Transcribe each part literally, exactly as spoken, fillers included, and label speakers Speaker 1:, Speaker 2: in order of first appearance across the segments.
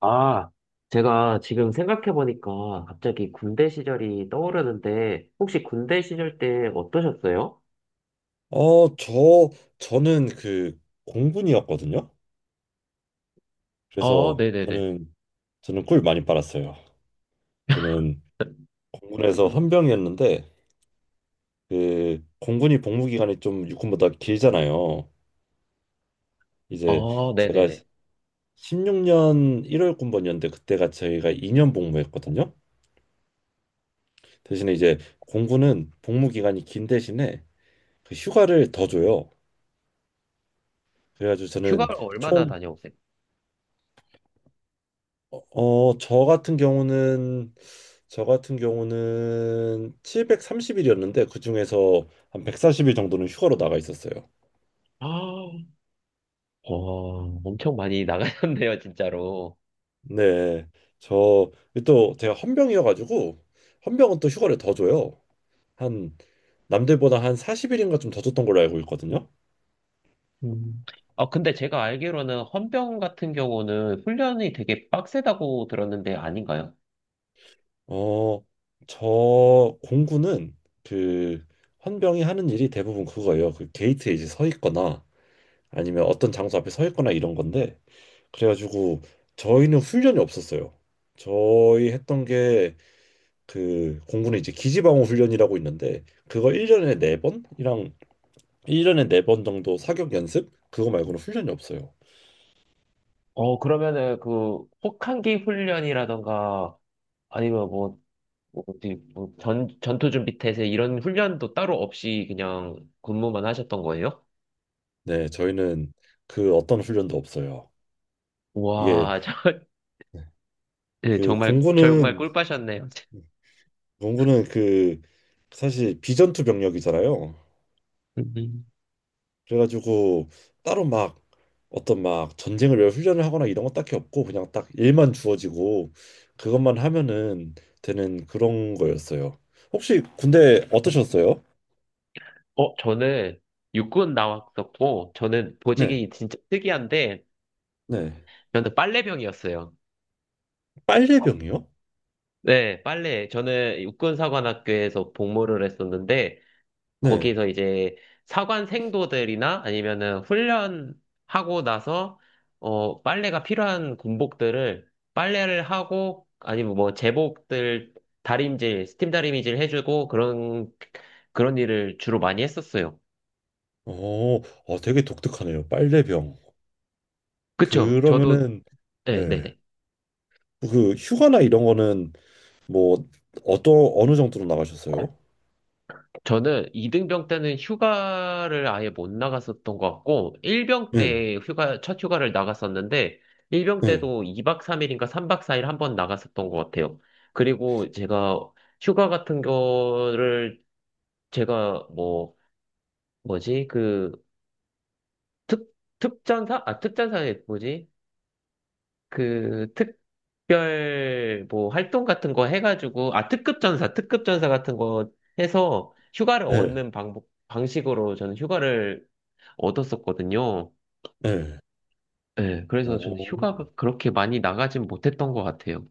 Speaker 1: 아, 제가 지금 생각해보니까 갑자기 군대 시절이 떠오르는데, 혹시 군대 시절 때 어떠셨어요?
Speaker 2: 어, 저 저는 그 공군이었거든요.
Speaker 1: 어,
Speaker 2: 그래서
Speaker 1: 네네네.
Speaker 2: 저는 저는 꿀 많이 빨았어요. 저는 공군에서 헌병이었는데 그 공군이 복무 기간이 좀 육군보다 길잖아요. 이제
Speaker 1: 어,
Speaker 2: 제가
Speaker 1: 네네네.
Speaker 2: 십육 년 일월 군번이었는데 그때가 저희가 이 년 복무했거든요. 대신에 이제 공군은 복무 기간이 긴 대신에 그 휴가를 더 줘요. 그래가지고 저는
Speaker 1: 휴가를 얼마나
Speaker 2: 총
Speaker 1: 다녀오세요?
Speaker 2: 어, 저 같은 경우는 저 같은 경우는 칠백삼십 일이었는데 그중에서 한 백사십 일 정도는 휴가로 나가 있었어요.
Speaker 1: 아, 어, 엄청 많이 나가셨네요, 진짜로.
Speaker 2: 네. 저 또 제가 헌병이어 가지고 헌병은 또 휴가를 더 줘요. 한 남들보다 한 사십 일인가 좀 더 줬던 걸로 알고 있거든요.
Speaker 1: 음. 아, 근데 제가 알기로는 헌병 같은 경우는 훈련이 되게 빡세다고 들었는데 아닌가요?
Speaker 2: 어, 저 공군은 그 헌병이 하는 일이 대부분 그거예요. 그 게이트에 이제 서 있거나 아니면 어떤 장소 앞에 서 있거나 이런 건데 그래가지고 저희는 훈련이 없었어요. 저희 했던 게 그 공군에 이제 기지방어 훈련이라고 있는데 그거 일 년에 네 번이랑 일 년에 네 번 정도 사격 연습 그거 말고는 훈련이 없어요.
Speaker 1: 어, 그러면은 그 혹한기 훈련이라던가 아니면 뭐 뭐 어디 뭐 전, 전투 준비 태세 이런 훈련도 따로 없이 그냥 근무만 하셨던 거예요?
Speaker 2: 네, 저희는 그 어떤 훈련도 없어요. 이게
Speaker 1: 와, 저, 예,
Speaker 2: 그
Speaker 1: 정말 정말
Speaker 2: 공군은
Speaker 1: 꿀빠셨네요.
Speaker 2: 공군은 그 사실 비전투 병력이잖아요.
Speaker 1: 음.
Speaker 2: 그래가지고 따로 막 어떤 막 전쟁을 위 훈련을 하거나 이런 거 딱히 없고 그냥 딱 일만 주어지고 그것만 하면은 되는 그런 거였어요. 혹시 군대 어떠셨어요?
Speaker 1: 어, 저는 육군 나왔었고 저는
Speaker 2: 네,
Speaker 1: 보직이 진짜 특이한데
Speaker 2: 네.
Speaker 1: 저는 빨래병이었어요.
Speaker 2: 빨래병이요?
Speaker 1: 네, 빨래. 저는 육군사관학교에서 복무를 했었는데
Speaker 2: 네.
Speaker 1: 거기서 이제 사관 생도들이나 아니면은 훈련하고 나서 어 빨래가 필요한 군복들을 빨래를 하고 아니면 뭐 제복들 다림질 스팀 다림질 해주고 그런 그런 일을 주로 많이 했었어요.
Speaker 2: 어, 어, 되게 독특하네요. 빨래병.
Speaker 1: 그쵸? 저도
Speaker 2: 그러면은
Speaker 1: 네,
Speaker 2: 예.
Speaker 1: 네네.
Speaker 2: 그 휴가나 이런 거는 뭐 어떤 어느 정도로 나가셨어요?
Speaker 1: 저는 이 등병 때는 휴가를 아예 못 나갔었던 것 같고, 일 병
Speaker 2: 네,
Speaker 1: 때 휴가, 첫 휴가를 나갔었는데, 일 병
Speaker 2: 네,
Speaker 1: 때도 이 박 삼 일인가 삼 박 사 일 한 번 나갔었던 것 같아요. 그리고 제가 휴가 같은 거를 제가 뭐, 뭐지, 그, 특, 특전사? 아, 특전사에 뭐지? 그, 특별 뭐 활동 같은 거 해가지고, 아, 특급전사, 특급전사 같은 거 해서 휴가를
Speaker 2: 네,
Speaker 1: 얻는 방법, 방식으로 저는 휴가를 얻었었거든요.
Speaker 2: 네.
Speaker 1: 네, 그래서 저는
Speaker 2: 어,
Speaker 1: 휴가가 그렇게 많이 나가진 못했던 것 같아요.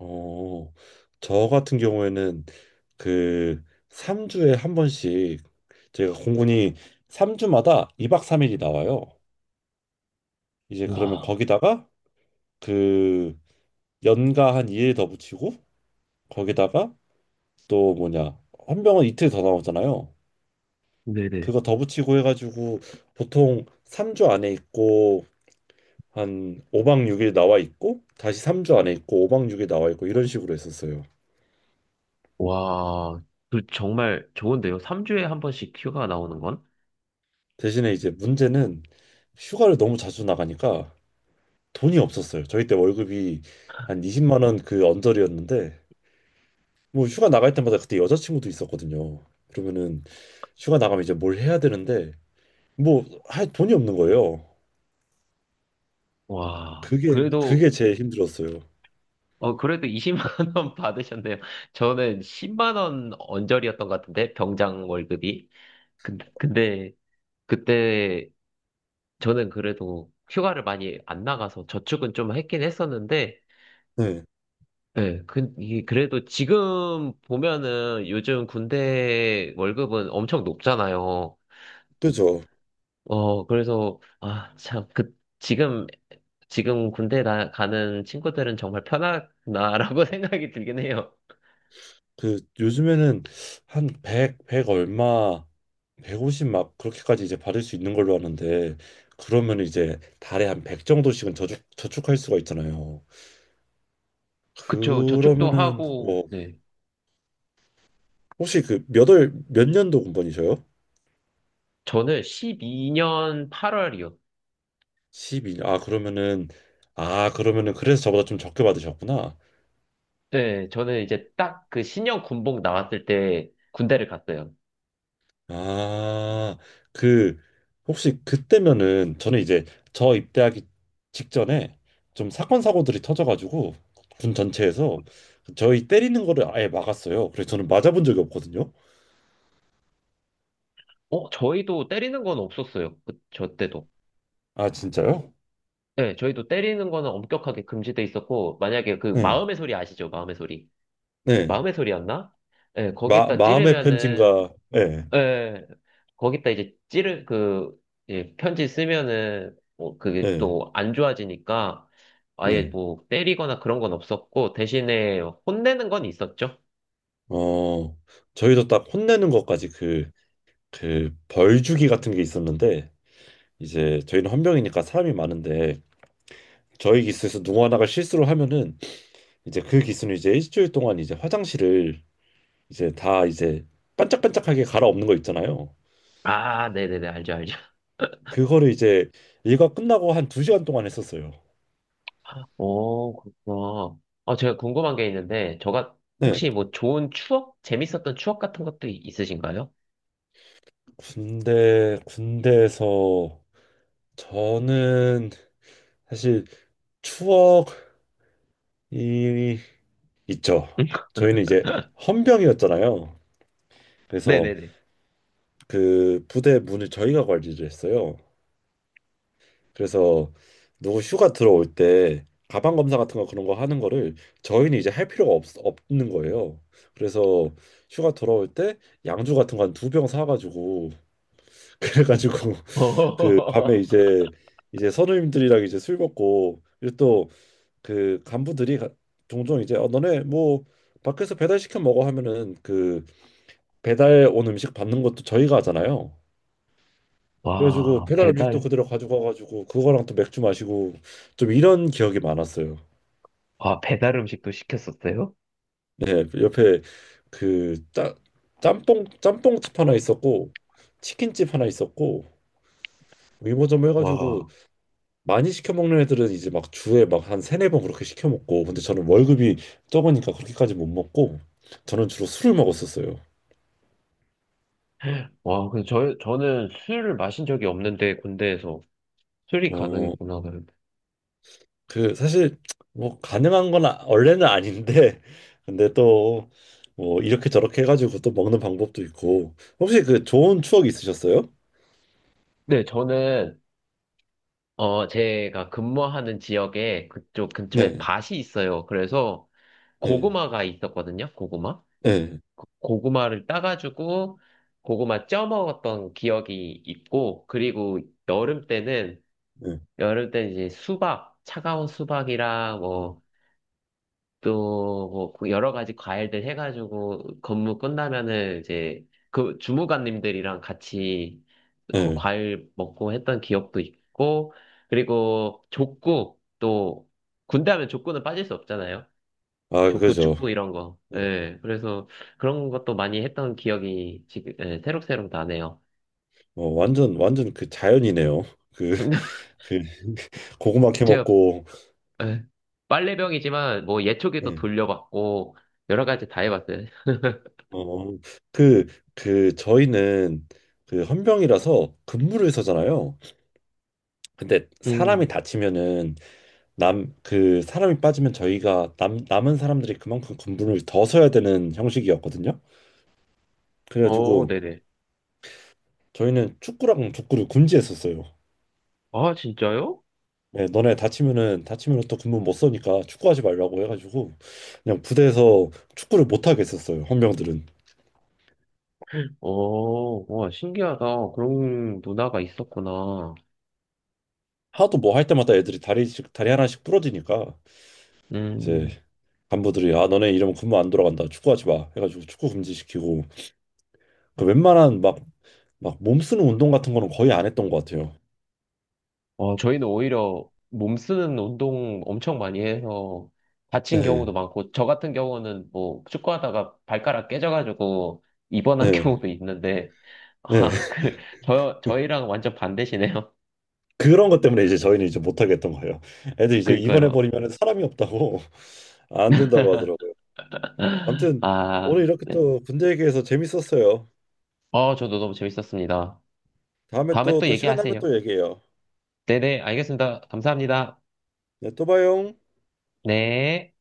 Speaker 2: 어, 저 같은 경우에는 그 삼 주에 한 번씩 제가 공군이 삼 주마다 이 박 삼 일이 나와요. 이제 그러면
Speaker 1: 와,
Speaker 2: 거기다가 그 연가 한 이 일 더 붙이고 거기다가 또 뭐냐 헌병은 이틀 더 나오잖아요.
Speaker 1: 네네.
Speaker 2: 그거 더 붙이고 해가지고 보통 삼 주 안에 있고 한 오 박 육 일 나와 있고 다시 삼 주 안에 있고 오 박 육 일 나와 있고 이런 식으로 했었어요.
Speaker 1: 와, 그 정말 좋은데요. 삼 주에 한 번씩 휴가 나오는 건?
Speaker 2: 대신에 이제 문제는 휴가를 너무 자주 나가니까 돈이 없었어요. 저희 때 월급이 한 이십만 원 그 언저리였는데 뭐 휴가 나갈 때마다 그때 여자친구도 있었거든요. 그러면은 휴가 나가면 이제 뭘 해야 되는데 뭐 할 돈이 없는 거예요.
Speaker 1: 와,
Speaker 2: 그게
Speaker 1: 그래도,
Speaker 2: 그게 제일 힘들었어요.
Speaker 1: 어, 그래도 이십만 원 받으셨네요. 저는 십만 원 언저리였던 것 같은데, 병장 월급이. 근데, 근데 그때 저는 그래도 휴가를 많이 안 나가서 저축은 좀 했긴 했었는데,
Speaker 2: 네.
Speaker 1: 네, 그, 이 그래도 지금 보면은 요즘 군대 월급은 엄청 높잖아요.
Speaker 2: 그죠.
Speaker 1: 어, 그래서, 아, 참, 그, 지금, 지금 군대 나, 가는 친구들은 정말 편하구나라고 생각이 들긴 해요.
Speaker 2: 그 요즘에는 한 백, 백 얼마 백오십 막 그렇게까지 이제 받을 수 있는 걸로 아는데 그러면 이제 달에 한 백 정도씩은 저축 저축할 수가 있잖아요.
Speaker 1: 그쵸. 저축도
Speaker 2: 그러면은
Speaker 1: 하고,
Speaker 2: 어
Speaker 1: 네.
Speaker 2: 혹시 그 몇월 몇 년도 공번이셔요?
Speaker 1: 저는 십이 년 팔 월이요.
Speaker 2: 십이 년. 아 그러면은 아 그러면은 그래서 저보다 좀 적게 받으셨구나.
Speaker 1: 네, 저는 이제 딱 그 신형 군복 나왔을 때 군대를 갔어요.
Speaker 2: 아 그 혹시 그때면은 저는 이제 저 입대하기 직전에 좀 사건 사고들이 터져가지고 군 전체에서 저희 때리는 거를 아예 막았어요. 그래서 저는 맞아본 적이 없거든요.
Speaker 1: 어, 저희도 때리는 건 없었어요. 그, 저 때도.
Speaker 2: 아 진짜요?
Speaker 1: 네, 저희도 때리는 거는 엄격하게 금지돼 있었고, 만약에 그
Speaker 2: 네.
Speaker 1: 마음의 소리 아시죠? 마음의 소리.
Speaker 2: 네.
Speaker 1: 마음의 소리였나? 네,
Speaker 2: 마
Speaker 1: 거기다
Speaker 2: 마음의
Speaker 1: 찌르면은,
Speaker 2: 편지인가? 네.
Speaker 1: 네, 거기다 이제 찌르, 그, 예, 편지 쓰면은, 뭐, 그게
Speaker 2: 네.
Speaker 1: 또 안 좋아지니까, 아예
Speaker 2: 네.
Speaker 1: 뭐, 때리거나 그런 건 없었고, 대신에 혼내는 건 있었죠?
Speaker 2: 어, 저희도 딱 혼내는 것까지 그, 그 벌주기 같은 게 있었는데 이제 저희는 헌병이니까 사람이 많은데 저희 기수에서 누구 하나가 실수를 하면은 이제 그 기수는 이제 일주일 동안 이제 화장실을 이제 다 이제 반짝반짝하게 갈아엎는 거 있잖아요.
Speaker 1: 아, 네네네, 알죠, 알죠.
Speaker 2: 그거를 이제 일과 끝나고 한 두 시간 동안 했었어요.
Speaker 1: 오, 그렇구나. 아, 제가 궁금한 게 있는데, 저가,
Speaker 2: 네,
Speaker 1: 혹시 뭐 좋은 추억? 재밌었던 추억 같은 것도 있으신가요?
Speaker 2: 군대 군대에서 저는 사실 추억이 있죠. 저희는 이제 헌병이었잖아요. 그래서
Speaker 1: 네네네.
Speaker 2: 그 부대 문을 저희가 관리를 했어요. 그래서 누구 휴가 들어올 때 가방 검사 같은 거 그런 거 하는 거를 저희는 이제 할 필요가 없, 없는 거예요. 그래서 휴가 돌아올 때 양주 같은 거 한 두 병 사가지고 그래가지고 그 밤에 이제 이제 선우님들이랑 이제 술 먹고 그리고 또 그 간부들이 가- 종종 이제 어 너네 뭐 밖에서 배달 시켜 먹어 하면은 그 배달 온 음식 받는 것도 저희가 하잖아요. 그래가지고
Speaker 1: 와,
Speaker 2: 배달 음식도
Speaker 1: 배달.
Speaker 2: 그대로 가지고 와가지고 그거랑 또 맥주 마시고 좀 이런 기억이 많았어요.
Speaker 1: 아, 배달 음식도 시켰었어요?
Speaker 2: 네, 옆에 그 따, 짬뽕 짬뽕집 하나 있었고 치킨집 하나 있었고 위모점 해가지고
Speaker 1: 와,
Speaker 2: 많이 시켜 먹는 애들은 이제 막 주에 막 한 세네 번 그렇게 시켜 먹고 근데 저는 월급이 적으니까 그렇게까지 못 먹고 저는 주로 술을 먹었었어요.
Speaker 1: 와, 근데 저, 저는 술을 마신 적이 없는데, 군대에서. 술이
Speaker 2: 어
Speaker 1: 가능했구나. 그래도.
Speaker 2: 그 사실 뭐 가능한 건 아- 원래는 아닌데 근데 또 뭐 이렇게 저렇게 해가지고 또 먹는 방법도 있고 혹시 그 좋은 추억 있으셨어요?
Speaker 1: 네, 저는, 어, 제가 근무하는 지역에 그쪽 근처에
Speaker 2: 네,
Speaker 1: 밭이 있어요. 그래서
Speaker 2: 네,
Speaker 1: 고구마가 있었거든요, 고구마.
Speaker 2: 네,
Speaker 1: 고구마를 따가지고, 고구마 쪄 먹었던 기억이 있고, 그리고 여름 때는,
Speaker 2: 네,
Speaker 1: 여름 때는 이제 수박, 차가운 수박이랑 뭐, 또뭐 여러 가지 과일들 해가지고 근무 끝나면은 이제 그 주무관님들이랑 같이 어,
Speaker 2: 네.
Speaker 1: 과일 먹고 했던 기억도 있고 그리고 족구 또 군대 하면 족구는 빠질 수 없잖아요.
Speaker 2: 아
Speaker 1: 족구,
Speaker 2: 그죠.
Speaker 1: 축구 이런 거. 예. 그래서 그런 것도 많이 했던 기억이 지금 예, 새록새록 나네요.
Speaker 2: 어, 완전 완전 그 자연이네요. 그 그 고구마 캐
Speaker 1: 제가
Speaker 2: 먹고.
Speaker 1: 예, 빨래병이지만 뭐 예초기도
Speaker 2: 네.
Speaker 1: 돌려봤고 여러 가지 다 해봤어요.
Speaker 2: 어, 그 그 저희는 그 헌병이라서 근무를 서잖아요. 근데 사람이
Speaker 1: 음.
Speaker 2: 다치면은 남 그 사람이 빠지면 저희가 남 남은 사람들이 그만큼 군분을 더 서야 되는 형식이었거든요.
Speaker 1: 어,
Speaker 2: 그래가지고
Speaker 1: 네네.
Speaker 2: 저희는 축구랑 족구를 금지했었어요.
Speaker 1: 아, 진짜요?
Speaker 2: 네, 너네 다치면은 다치면은 또 군분 못 서니까 축구하지 말라고 해가지고 그냥 부대에서 축구를 못 하게 했었어요. 헌병들은
Speaker 1: 오, 와, 신기하다. 그런 문화가 있었구나.
Speaker 2: 하도 뭐 할 때마다 애들이 다리씩 다리 하나씩 부러지니까 이제
Speaker 1: 음,
Speaker 2: 간부들이 아 너네 이러면 군무 안 돌아간다 축구하지 마 해가지고 축구 금지시키고 그 웬만한 막 막 몸 쓰는 운동 같은 거는 거의 안 했던 것 같아요.
Speaker 1: 와, 저희는 오히려 몸 쓰는 운동 엄청 많이 해서 다친
Speaker 2: 네.
Speaker 1: 경우도 많고, 저 같은 경우는 뭐 축구하다가 발가락 깨져가지고 입원한
Speaker 2: 네.
Speaker 1: 경우도 있는데,
Speaker 2: 네.
Speaker 1: 아, 그, 저, 저희랑 완전 반대시네요.
Speaker 2: 그런 것 때문에 이제 저희는 이제 못하게 했던 거예요. 애들 이제 입원해
Speaker 1: 그니까요.
Speaker 2: 버리면 사람이 없다고 안 된다고 하더라고요. 아무튼
Speaker 1: 아,
Speaker 2: 오늘 이렇게 또 군대 얘기해서 재밌었어요.
Speaker 1: 어, 저도 너무 재밌었습니다.
Speaker 2: 다음에
Speaker 1: 다음에
Speaker 2: 또
Speaker 1: 또
Speaker 2: 또 시간 나면
Speaker 1: 얘기하세요.
Speaker 2: 또 얘기해요.
Speaker 1: 네네, 알겠습니다. 감사합니다.
Speaker 2: 네, 또 봐요.
Speaker 1: 네.